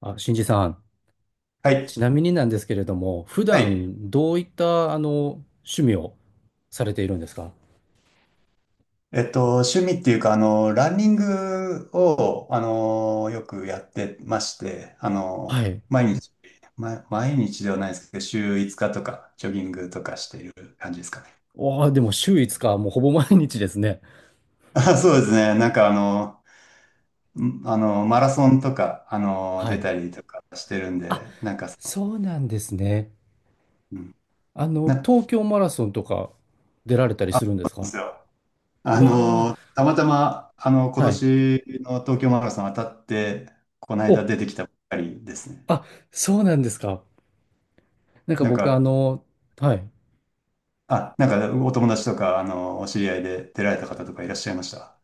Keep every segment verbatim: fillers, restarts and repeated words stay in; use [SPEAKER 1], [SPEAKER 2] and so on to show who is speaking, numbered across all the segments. [SPEAKER 1] あ、新次さん、
[SPEAKER 2] はい。
[SPEAKER 1] ちなみになんですけれども、普
[SPEAKER 2] はい。
[SPEAKER 1] 段どういったあの趣味をされているんですか？
[SPEAKER 2] えっと、趣味っていうか、あの、ランニングを、あの、よくやってまして、あ
[SPEAKER 1] は
[SPEAKER 2] の、
[SPEAKER 1] い。
[SPEAKER 2] 毎日、ま、毎日ではないですけど、週いつかとか、ジョギングとかしている感じですかね。
[SPEAKER 1] おー、でも週いつか、もうほぼ毎日ですね。
[SPEAKER 2] あ、そうですね。なんか、あの、んあの、マラソンとか、あの、
[SPEAKER 1] は
[SPEAKER 2] 出
[SPEAKER 1] い。
[SPEAKER 2] たりとかしてるん
[SPEAKER 1] あ、
[SPEAKER 2] で、なんかその、
[SPEAKER 1] そうなんですね。
[SPEAKER 2] うん。
[SPEAKER 1] あの、
[SPEAKER 2] な、
[SPEAKER 1] 東京マラソンとか出られたり
[SPEAKER 2] あ、
[SPEAKER 1] す
[SPEAKER 2] そ
[SPEAKER 1] るんで
[SPEAKER 2] うなん
[SPEAKER 1] す
[SPEAKER 2] で
[SPEAKER 1] か？
[SPEAKER 2] すよ。
[SPEAKER 1] う
[SPEAKER 2] あ
[SPEAKER 1] わ
[SPEAKER 2] の、たまたま、あの、
[SPEAKER 1] ー、
[SPEAKER 2] 今
[SPEAKER 1] はい。
[SPEAKER 2] 年の東京マラソン当たって、この間
[SPEAKER 1] お、
[SPEAKER 2] 出てきたばっかりですね。
[SPEAKER 1] あ、そうなんですか。なんか
[SPEAKER 2] なん
[SPEAKER 1] 僕、あ
[SPEAKER 2] か、
[SPEAKER 1] の、はい。
[SPEAKER 2] あ、なんかお友達とか、あの、お知り合いで出られた方とかいらっしゃいました？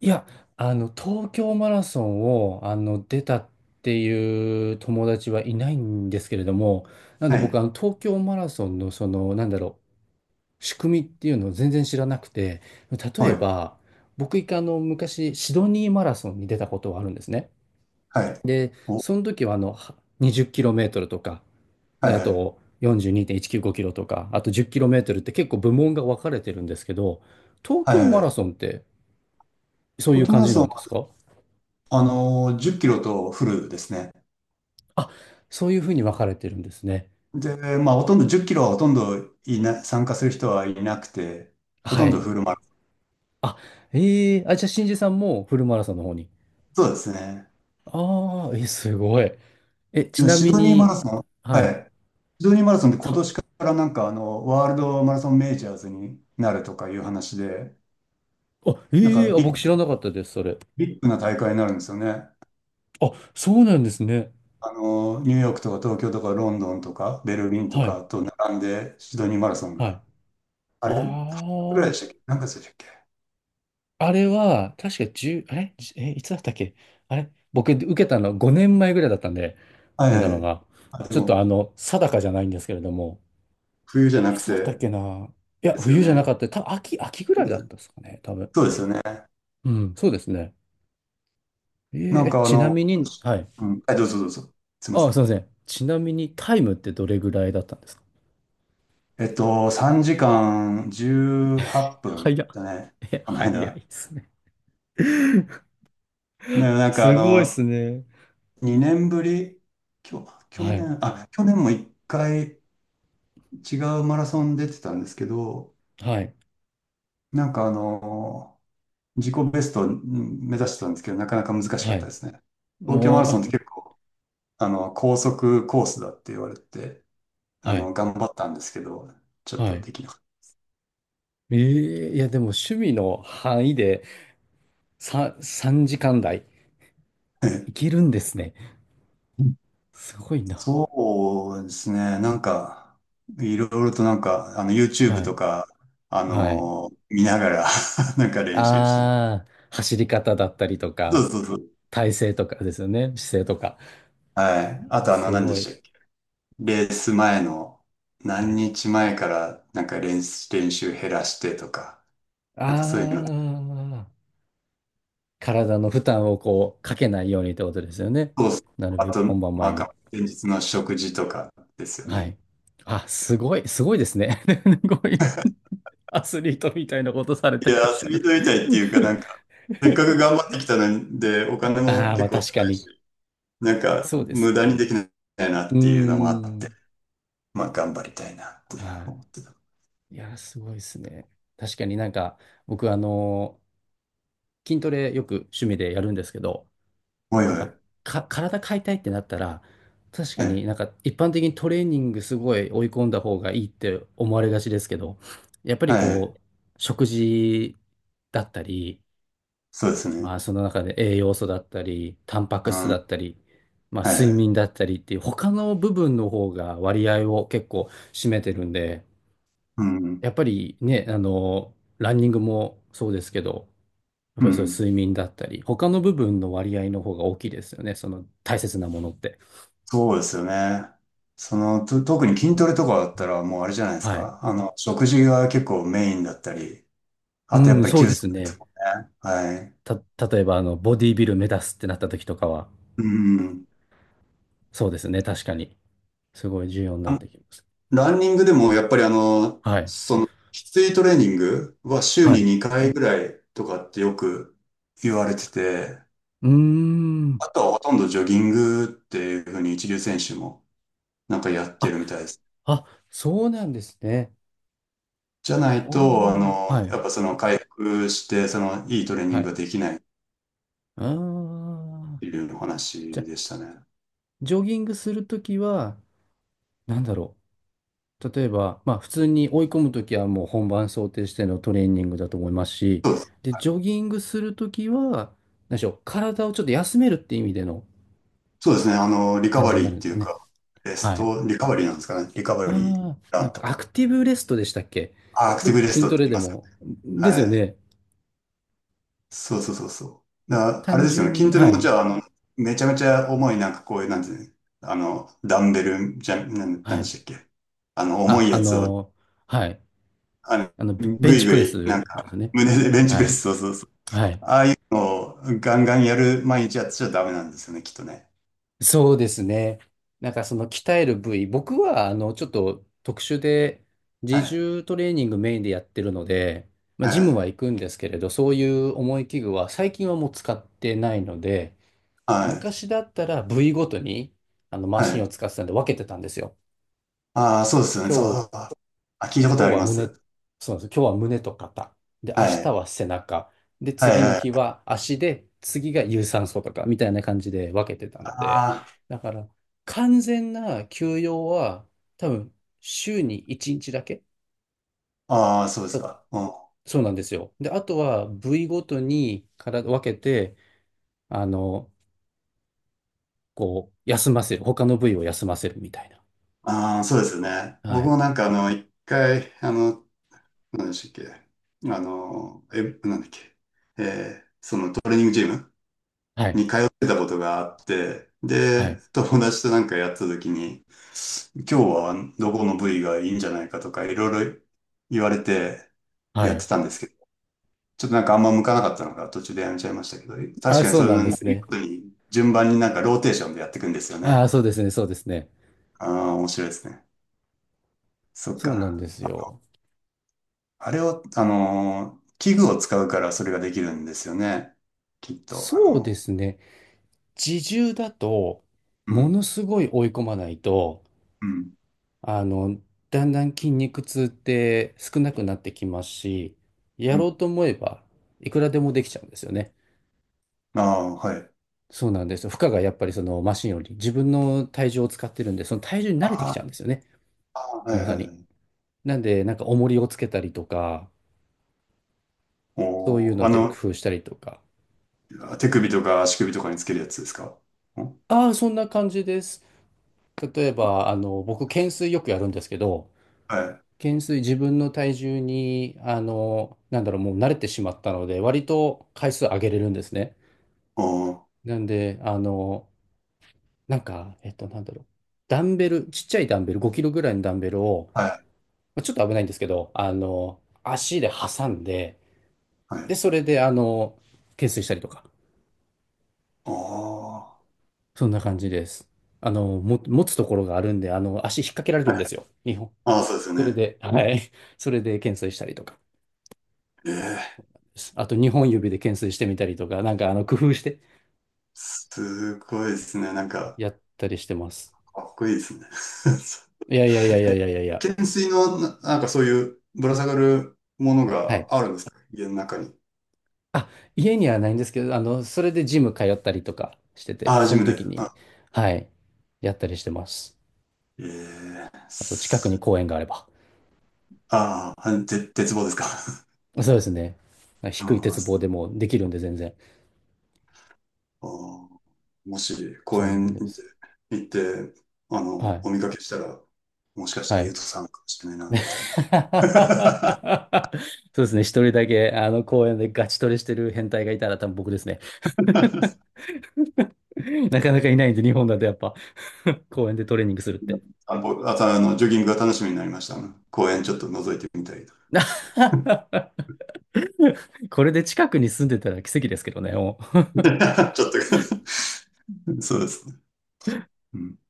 [SPEAKER 1] いや、あの、東京マラソンを、あの、出たっていう友達はいないんですけれども、なん
[SPEAKER 2] は
[SPEAKER 1] で僕、
[SPEAKER 2] い。
[SPEAKER 1] あの、東京マラソンの、その、なんだろう、仕組みっていうのを全然知らなくて、例
[SPEAKER 2] は
[SPEAKER 1] え
[SPEAKER 2] い。
[SPEAKER 1] ば、僕、一回、あの、昔、シドニーマラソンに出たことがあるんですね。
[SPEAKER 2] はい。
[SPEAKER 1] で、
[SPEAKER 2] お、は
[SPEAKER 1] その時は、あの、はにじゅっキロメートルとか、
[SPEAKER 2] い
[SPEAKER 1] で、あ
[SPEAKER 2] はい。
[SPEAKER 1] と、よんじゅうにてんいちきゅうごキロとか、あとじゅっキロメートルって結構部門が分かれてるんですけど、東
[SPEAKER 2] はい
[SPEAKER 1] 京マラ
[SPEAKER 2] は
[SPEAKER 1] ソンってそうい
[SPEAKER 2] い。
[SPEAKER 1] う
[SPEAKER 2] ト
[SPEAKER 1] 感
[SPEAKER 2] マラ
[SPEAKER 1] じな
[SPEAKER 2] ソン、
[SPEAKER 1] んですか？
[SPEAKER 2] あの、じゅっキロとフルですね。
[SPEAKER 1] あ、そういうふうに分かれてるんですね。
[SPEAKER 2] で、まあ、ほとんど10キロはほとんどいな、参加する人はいなくて、ほ
[SPEAKER 1] は
[SPEAKER 2] とんど
[SPEAKER 1] い。
[SPEAKER 2] フルマラソン。
[SPEAKER 1] あ、ええあ、じゃあ、新次さんもフルマラソンの方に。
[SPEAKER 2] そうですね。
[SPEAKER 1] ああ、え、すごい。え、
[SPEAKER 2] で
[SPEAKER 1] ち
[SPEAKER 2] も、
[SPEAKER 1] な
[SPEAKER 2] シ
[SPEAKER 1] み
[SPEAKER 2] ドニーマ
[SPEAKER 1] に、
[SPEAKER 2] ラソ
[SPEAKER 1] あ
[SPEAKER 2] ン、
[SPEAKER 1] は
[SPEAKER 2] は
[SPEAKER 1] い。
[SPEAKER 2] い。シドニーマラソンって今
[SPEAKER 1] た、
[SPEAKER 2] 年からなんか、あの、ワールドマラソンメジャーズになるとかいう話で、
[SPEAKER 1] あ、
[SPEAKER 2] なん
[SPEAKER 1] え
[SPEAKER 2] か
[SPEAKER 1] えあ、
[SPEAKER 2] ビッ、
[SPEAKER 1] 僕知らなかったです、それ。
[SPEAKER 2] ビッグな大会になるんですよね。
[SPEAKER 1] あ、そうなんですね。
[SPEAKER 2] あの、ニューヨークとか東京とかロンドンとかベルリンと
[SPEAKER 1] はい。
[SPEAKER 2] かと並んでシドニーマラソン
[SPEAKER 1] はい。
[SPEAKER 2] が、あれ、はちぐらい
[SPEAKER 1] あ
[SPEAKER 2] でしたっけ？何月でしたっけ？
[SPEAKER 1] あ、あれは、確かじゅう、あれじえ、いつだったっけ？あれ僕、受けたのごねんまえぐらいだったんで、
[SPEAKER 2] は
[SPEAKER 1] 出
[SPEAKER 2] い
[SPEAKER 1] た
[SPEAKER 2] は
[SPEAKER 1] の
[SPEAKER 2] い。
[SPEAKER 1] が。
[SPEAKER 2] あ、で
[SPEAKER 1] ちょっと
[SPEAKER 2] も、
[SPEAKER 1] あの、定かじゃないんですけれども、
[SPEAKER 2] 冬じゃ
[SPEAKER 1] い
[SPEAKER 2] なく
[SPEAKER 1] つだったっ
[SPEAKER 2] て、
[SPEAKER 1] けな。いや、
[SPEAKER 2] ですよ
[SPEAKER 1] 冬じゃな
[SPEAKER 2] ね。
[SPEAKER 1] かった。た、秋、秋ぐらい
[SPEAKER 2] で
[SPEAKER 1] だっ
[SPEAKER 2] す
[SPEAKER 1] たですかね、多分。
[SPEAKER 2] そうですよね。
[SPEAKER 1] うん、そうですね。え
[SPEAKER 2] なん
[SPEAKER 1] ー、
[SPEAKER 2] かあ
[SPEAKER 1] ちな
[SPEAKER 2] の、
[SPEAKER 1] み
[SPEAKER 2] 今
[SPEAKER 1] に、
[SPEAKER 2] 年
[SPEAKER 1] はい。
[SPEAKER 2] うん、はい、どうぞどうぞ。すいま
[SPEAKER 1] あ
[SPEAKER 2] せ
[SPEAKER 1] あ、すい
[SPEAKER 2] ん。
[SPEAKER 1] ません。ちなみに、タイムってどれぐらいだったんですか？
[SPEAKER 2] えっと、さんじかんじゅうはっぷん
[SPEAKER 1] 早っ。
[SPEAKER 2] だね。
[SPEAKER 1] え、
[SPEAKER 2] この
[SPEAKER 1] 早い
[SPEAKER 2] 間。
[SPEAKER 1] ですね。
[SPEAKER 2] で、なんかあ
[SPEAKER 1] すごいです
[SPEAKER 2] の、
[SPEAKER 1] ね。
[SPEAKER 2] にねんぶり、きょ
[SPEAKER 1] は
[SPEAKER 2] 去
[SPEAKER 1] い。
[SPEAKER 2] 年、あ、去年もいっかい違うマラソン出てたんですけど、
[SPEAKER 1] はい。
[SPEAKER 2] なんかあの、自己ベストをうん目指してたんですけど、なかなか難しか
[SPEAKER 1] は
[SPEAKER 2] った
[SPEAKER 1] い。
[SPEAKER 2] ですね。東京マラ
[SPEAKER 1] も
[SPEAKER 2] ソンって
[SPEAKER 1] う、
[SPEAKER 2] 結構、あの、高速コースだって言われて、
[SPEAKER 1] あ
[SPEAKER 2] あ
[SPEAKER 1] はい。
[SPEAKER 2] の、頑張ったんですけど、ちょっ
[SPEAKER 1] は
[SPEAKER 2] と
[SPEAKER 1] い。
[SPEAKER 2] できなかっ
[SPEAKER 1] えー、いや、でも趣味の範囲でさん、ささんじかん台
[SPEAKER 2] た。
[SPEAKER 1] い けるんですね。すごいな。
[SPEAKER 2] そうですね、なんか、いろいろとなんか、あの、
[SPEAKER 1] は
[SPEAKER 2] YouTube と
[SPEAKER 1] い。
[SPEAKER 2] か、あ
[SPEAKER 1] はい。
[SPEAKER 2] の、見ながら なんか練習してます。
[SPEAKER 1] ああ、走り方だったりとか、
[SPEAKER 2] そうそうそう。
[SPEAKER 1] 体勢とかですよね、姿勢とか。
[SPEAKER 2] はい。あとあの、
[SPEAKER 1] す
[SPEAKER 2] 何で
[SPEAKER 1] ご
[SPEAKER 2] し
[SPEAKER 1] い。
[SPEAKER 2] たっけ？レース前の、
[SPEAKER 1] は
[SPEAKER 2] 何
[SPEAKER 1] い。
[SPEAKER 2] 日前からなんか練習、練習減らしてとか、
[SPEAKER 1] あ
[SPEAKER 2] なんかそういうのとか、
[SPEAKER 1] あ、体の負担をこう、かけないようにってことですよね。
[SPEAKER 2] そうそう。
[SPEAKER 1] なる
[SPEAKER 2] あ
[SPEAKER 1] べく
[SPEAKER 2] と、
[SPEAKER 1] 本番
[SPEAKER 2] な
[SPEAKER 1] 前
[SPEAKER 2] ん
[SPEAKER 1] に。
[SPEAKER 2] か、前日の食事とかですよ
[SPEAKER 1] はい。
[SPEAKER 2] ね。
[SPEAKER 1] あ、すごい、すごいですね。すごい。アスリートみたいなことされて
[SPEAKER 2] い
[SPEAKER 1] ら
[SPEAKER 2] や
[SPEAKER 1] っし
[SPEAKER 2] ー、
[SPEAKER 1] ゃ
[SPEAKER 2] 遊
[SPEAKER 1] る。
[SPEAKER 2] びとりたいっていうか、なんか、せっかく頑 張ってきたので、お金
[SPEAKER 1] あ
[SPEAKER 2] も
[SPEAKER 1] あ、ま
[SPEAKER 2] 結
[SPEAKER 1] あ
[SPEAKER 2] 構
[SPEAKER 1] 確か
[SPEAKER 2] 高いし、
[SPEAKER 1] に。
[SPEAKER 2] なんか、
[SPEAKER 1] そうです
[SPEAKER 2] 無
[SPEAKER 1] よ
[SPEAKER 2] 駄にでき
[SPEAKER 1] ね。
[SPEAKER 2] ないな
[SPEAKER 1] う
[SPEAKER 2] っ
[SPEAKER 1] ー
[SPEAKER 2] ていうのもあって、
[SPEAKER 1] ん。
[SPEAKER 2] まあ、頑張りたいなって
[SPEAKER 1] は
[SPEAKER 2] 思ってた。
[SPEAKER 1] い。いや、すごいですね。確かになんか、僕あの筋トレよく趣味でやるんですけど、
[SPEAKER 2] おいお
[SPEAKER 1] なんか、
[SPEAKER 2] い。
[SPEAKER 1] か、体変えたいってなったら、確
[SPEAKER 2] は
[SPEAKER 1] か
[SPEAKER 2] い。
[SPEAKER 1] になんか一般的にトレーニングすごい追い込んだ方がいいって思われがちですけど、やっぱ
[SPEAKER 2] は
[SPEAKER 1] り
[SPEAKER 2] い。
[SPEAKER 1] こう、食事だったり、
[SPEAKER 2] そうです
[SPEAKER 1] ま
[SPEAKER 2] ね。
[SPEAKER 1] あその中で栄養素だったり、タンパク
[SPEAKER 2] う
[SPEAKER 1] 質だ
[SPEAKER 2] ん。
[SPEAKER 1] ったり、まあ
[SPEAKER 2] は
[SPEAKER 1] 睡
[SPEAKER 2] い。
[SPEAKER 1] 眠だったりっていう他の部分の方が割合を結構占めてるんで、
[SPEAKER 2] うん。
[SPEAKER 1] やっぱりね、あの、ランニングもそうですけど、やっ
[SPEAKER 2] う
[SPEAKER 1] ぱりそういう
[SPEAKER 2] ん。
[SPEAKER 1] 睡眠だったり、他の部分の割合の方が大きいですよね。その大切なものって。
[SPEAKER 2] そうですよね。その、と、特に筋トレとかだったら、もうあれじゃないです
[SPEAKER 1] はい。
[SPEAKER 2] か。あの、食事が結構メインだったり、
[SPEAKER 1] う
[SPEAKER 2] あとやっ
[SPEAKER 1] ん、
[SPEAKER 2] ぱり
[SPEAKER 1] そう
[SPEAKER 2] 休
[SPEAKER 1] で
[SPEAKER 2] 速
[SPEAKER 1] す
[SPEAKER 2] です
[SPEAKER 1] ね。
[SPEAKER 2] もんね。はい。
[SPEAKER 1] た、例えば、あの、ボディビル目指すってなった時とかは、
[SPEAKER 2] うん。
[SPEAKER 1] そうですね。確かに。すごい重要になっ
[SPEAKER 2] あ
[SPEAKER 1] てきます。
[SPEAKER 2] ランニングでもやっぱりあの、
[SPEAKER 1] はい。
[SPEAKER 2] その、きついトレーニングは週
[SPEAKER 1] は
[SPEAKER 2] に
[SPEAKER 1] い。
[SPEAKER 2] にかいぐらいとかってよく言われてて、
[SPEAKER 1] うーん。
[SPEAKER 2] あとはほとんどジョギングっていうふうに一流選手もなんかやって
[SPEAKER 1] あ、
[SPEAKER 2] るみたいです。
[SPEAKER 1] あ、そうなんですね。
[SPEAKER 2] じゃないと、あ
[SPEAKER 1] おー。
[SPEAKER 2] の、
[SPEAKER 1] はい。
[SPEAKER 2] やっぱその回復して、そのいいトレーニ
[SPEAKER 1] は
[SPEAKER 2] ング
[SPEAKER 1] い。
[SPEAKER 2] ができないっ
[SPEAKER 1] あー。
[SPEAKER 2] ていうお
[SPEAKER 1] じゃ
[SPEAKER 2] 話
[SPEAKER 1] あ、
[SPEAKER 2] でしたね。
[SPEAKER 1] ジョギングするときは、なんだろう。例えば、まあ、普通に追い込むときはもう本番想定してのトレーニングだと思いますし、
[SPEAKER 2] そうです。
[SPEAKER 1] で、ジョギングするときは、何でしょう、体をちょっと休めるっていう意味での
[SPEAKER 2] そうですね。あの、リカ
[SPEAKER 1] 感
[SPEAKER 2] バ
[SPEAKER 1] じにな
[SPEAKER 2] リー
[SPEAKER 1] る
[SPEAKER 2] っ
[SPEAKER 1] んで
[SPEAKER 2] て
[SPEAKER 1] す
[SPEAKER 2] い
[SPEAKER 1] よ
[SPEAKER 2] う
[SPEAKER 1] ね。
[SPEAKER 2] か、レス
[SPEAKER 1] はい。
[SPEAKER 2] ト、リカバリーなんですかね。リカバリー
[SPEAKER 1] ああ、
[SPEAKER 2] ラ
[SPEAKER 1] なん
[SPEAKER 2] ンと
[SPEAKER 1] かア
[SPEAKER 2] か。
[SPEAKER 1] クティブレストでしたっけ？
[SPEAKER 2] あ、アクテ
[SPEAKER 1] よ
[SPEAKER 2] ィブ
[SPEAKER 1] く
[SPEAKER 2] レス
[SPEAKER 1] 筋
[SPEAKER 2] トっ
[SPEAKER 1] ト
[SPEAKER 2] て
[SPEAKER 1] レ
[SPEAKER 2] 言い
[SPEAKER 1] で
[SPEAKER 2] ますよね。
[SPEAKER 1] も。ですよ
[SPEAKER 2] はい。
[SPEAKER 1] ね。
[SPEAKER 2] そうそうそうそう。だからあれ
[SPEAKER 1] 単
[SPEAKER 2] ですよね。
[SPEAKER 1] 純
[SPEAKER 2] 筋
[SPEAKER 1] に、
[SPEAKER 2] トレ
[SPEAKER 1] は
[SPEAKER 2] もじ
[SPEAKER 1] い。
[SPEAKER 2] ゃあ、あの、めちゃめちゃ重い、なんかこういう、なんていうの、あの、ダンベル、じゃ、なん、なん
[SPEAKER 1] は
[SPEAKER 2] で
[SPEAKER 1] い。
[SPEAKER 2] したっけ。あの、重
[SPEAKER 1] あ、
[SPEAKER 2] い
[SPEAKER 1] あ
[SPEAKER 2] やつを、
[SPEAKER 1] のはい。
[SPEAKER 2] あの、
[SPEAKER 1] あの、ベベ
[SPEAKER 2] ぐ
[SPEAKER 1] ン
[SPEAKER 2] い
[SPEAKER 1] チ
[SPEAKER 2] ぐ
[SPEAKER 1] プレ
[SPEAKER 2] い、なん
[SPEAKER 1] スです
[SPEAKER 2] か、
[SPEAKER 1] ね。
[SPEAKER 2] 胸でベンチ
[SPEAKER 1] は
[SPEAKER 2] プレ
[SPEAKER 1] い。
[SPEAKER 2] ス、そうそうそう。
[SPEAKER 1] はい。
[SPEAKER 2] をガンガンやる毎日やっちゃダメなんですよね、きっとね。
[SPEAKER 1] そうですね。なんかその鍛える部位、僕はあのちょっと特殊で自
[SPEAKER 2] はい。
[SPEAKER 1] 重トレーニングメインでやってるので、まあ、
[SPEAKER 2] は
[SPEAKER 1] ジム
[SPEAKER 2] い。
[SPEAKER 1] は行くんですけれど、そういう重い器具は最近はもう使ってないので、
[SPEAKER 2] はい。
[SPEAKER 1] 昔だったら部位ごとにあのマ
[SPEAKER 2] は
[SPEAKER 1] シン
[SPEAKER 2] い。
[SPEAKER 1] を使ってたんで分けてたんですよ。
[SPEAKER 2] ああ、そうですよね。
[SPEAKER 1] 今
[SPEAKER 2] そ
[SPEAKER 1] 日
[SPEAKER 2] う。あ、聞いたこと
[SPEAKER 1] 今
[SPEAKER 2] あ
[SPEAKER 1] 日
[SPEAKER 2] り
[SPEAKER 1] は
[SPEAKER 2] ま
[SPEAKER 1] 胸、
[SPEAKER 2] す。
[SPEAKER 1] そうなんです。今日は胸と肩。で、
[SPEAKER 2] は
[SPEAKER 1] 明日
[SPEAKER 2] い。
[SPEAKER 1] は背中。で、
[SPEAKER 2] はい、
[SPEAKER 1] 次の
[SPEAKER 2] は
[SPEAKER 1] 日
[SPEAKER 2] い。
[SPEAKER 1] は足で、次が有酸素とか、みたいな感じで分けてたので、
[SPEAKER 2] あ
[SPEAKER 1] だから、完全な休養は、多分、週にいちにちだけ
[SPEAKER 2] あ、ああ、そうです
[SPEAKER 1] と、
[SPEAKER 2] か。うん
[SPEAKER 1] そうなんですよ。で、あとは、部位ごとにから分けて、あの、こう、休ませる。他の部位を休ませるみたいな。
[SPEAKER 2] ああ、そうですよね。
[SPEAKER 1] は
[SPEAKER 2] 僕も
[SPEAKER 1] い。
[SPEAKER 2] なんかあの、一回、あの、何でしたっけ、あの、え、なんだっけ、えーそのトレーニングジム
[SPEAKER 1] はい。
[SPEAKER 2] に通ってたことがあって、
[SPEAKER 1] はい。
[SPEAKER 2] で、友達となんかやった時に、今日はどこの部位がいいんじゃないかとか、いろいろ言われて
[SPEAKER 1] は
[SPEAKER 2] やっ
[SPEAKER 1] い。
[SPEAKER 2] てたんですけど、ちょっとなんかあんま向かなかったのか途中でやめちゃいましたけど、確
[SPEAKER 1] あ、
[SPEAKER 2] かに
[SPEAKER 1] そう
[SPEAKER 2] そう
[SPEAKER 1] なん
[SPEAKER 2] い
[SPEAKER 1] です
[SPEAKER 2] う
[SPEAKER 1] ね。
[SPEAKER 2] ことに順番になんかローテーションでやっていくんですよ
[SPEAKER 1] ああ、
[SPEAKER 2] ね。
[SPEAKER 1] そうですね。そうですね。
[SPEAKER 2] ああ、面白いですね。そっ
[SPEAKER 1] そうなん
[SPEAKER 2] か。
[SPEAKER 1] ですよ。
[SPEAKER 2] あれを、あのー、器具を使うからそれができるんですよね。きっと、あ
[SPEAKER 1] そうで
[SPEAKER 2] の、
[SPEAKER 1] すね。自重だと、
[SPEAKER 2] う
[SPEAKER 1] も
[SPEAKER 2] ん、
[SPEAKER 1] のすごい追い込まないと、
[SPEAKER 2] うん、
[SPEAKER 1] あの、だんだん筋肉痛って少なくなってきますし、や
[SPEAKER 2] う
[SPEAKER 1] ろ
[SPEAKER 2] ん。
[SPEAKER 1] うと思えば、いくらでもできちゃうんですよね。
[SPEAKER 2] ああ、はい。
[SPEAKER 1] そうなんですよ。負荷がやっぱりそのマシンより自分の体重を使ってるんで、その体重に慣れてきち
[SPEAKER 2] あ
[SPEAKER 1] ゃうんですよね。
[SPEAKER 2] あ、はい
[SPEAKER 1] 重
[SPEAKER 2] は
[SPEAKER 1] さ
[SPEAKER 2] いは
[SPEAKER 1] に。
[SPEAKER 2] い。
[SPEAKER 1] なんで、なんか重りをつけたりとか、そういう
[SPEAKER 2] おー、
[SPEAKER 1] の
[SPEAKER 2] あ
[SPEAKER 1] で工
[SPEAKER 2] の、
[SPEAKER 1] 夫したりとか。
[SPEAKER 2] 手首とか足首とかにつけるやつですかん？
[SPEAKER 1] ああ、そんな感じです。例えば、あの、僕、懸垂よくやるんですけど、
[SPEAKER 2] はい。
[SPEAKER 1] 減衰自分の体重に、あの、なんだろう、もう慣れてしまったので、割と回数上げれるんですね。
[SPEAKER 2] おー、
[SPEAKER 1] なんで、あの、なんか、えっと、なんだろう、ダンベル、ちっちゃいダンベル、ごキロぐらいのダンベルを、
[SPEAKER 2] はい、
[SPEAKER 1] まあちょっと危ないんですけど、あの、足で挟んで、
[SPEAKER 2] は
[SPEAKER 1] で、
[SPEAKER 2] い。
[SPEAKER 1] それで、あの、懸垂したりとか、
[SPEAKER 2] おー。
[SPEAKER 1] そんな感じです。あの、も、持つところがあるんで、あの、足引っ掛けられるんですよ、にほん。
[SPEAKER 2] ああ、そうですよ
[SPEAKER 1] それ
[SPEAKER 2] ね。
[SPEAKER 1] で、はい、それで懸垂したりとか
[SPEAKER 2] ええ、
[SPEAKER 1] です。あと、にほん指で懸垂してみたりとか、なんか、あの、工夫して、
[SPEAKER 2] すごいですね。なんか、
[SPEAKER 1] やったりしてます。
[SPEAKER 2] かっこいいですね。
[SPEAKER 1] いやいやいやいやいやいやい や。
[SPEAKER 2] 懸垂の、な、なんかそういうぶら下がるもの
[SPEAKER 1] は
[SPEAKER 2] が
[SPEAKER 1] い。
[SPEAKER 2] ああるんですか家の中に？
[SPEAKER 1] あ、家にはないんですけど、あの、それでジム通ったりとかしてて、
[SPEAKER 2] ああ、
[SPEAKER 1] そ
[SPEAKER 2] ジ
[SPEAKER 1] の
[SPEAKER 2] ム
[SPEAKER 1] 時
[SPEAKER 2] で。
[SPEAKER 1] に、はい、やったりしてます。
[SPEAKER 2] ええ
[SPEAKER 1] あと、近くに
[SPEAKER 2] す
[SPEAKER 1] 公園があれば。
[SPEAKER 2] ああ、ぜ、絶望ですか？
[SPEAKER 1] そうですね。
[SPEAKER 2] う
[SPEAKER 1] 低い
[SPEAKER 2] んあ
[SPEAKER 1] 鉄棒でもできるんで、全然。
[SPEAKER 2] ーもし公
[SPEAKER 1] そうな
[SPEAKER 2] 園
[SPEAKER 1] ん
[SPEAKER 2] に
[SPEAKER 1] で
[SPEAKER 2] 行って、
[SPEAKER 1] す。
[SPEAKER 2] 行ってあ
[SPEAKER 1] は
[SPEAKER 2] の、お
[SPEAKER 1] い。
[SPEAKER 2] 見かけしたら、もしかした
[SPEAKER 1] は
[SPEAKER 2] らゆう
[SPEAKER 1] い。
[SPEAKER 2] とさんかもしれないな、みたいな。
[SPEAKER 1] そうですね。一人だけ、あの、公園でガチトレしてる変態がいたら多分僕ですね。なかなかいないんで、日本だとやっぱ 公園でトレーニングするって。
[SPEAKER 2] あ、ぼあとあの、ジョギングが楽しみになりました。公園ちょっと覗いてみたい。ち
[SPEAKER 1] これで近くに住んでたら奇跡ですけどね。も
[SPEAKER 2] ょっと そうですね。うん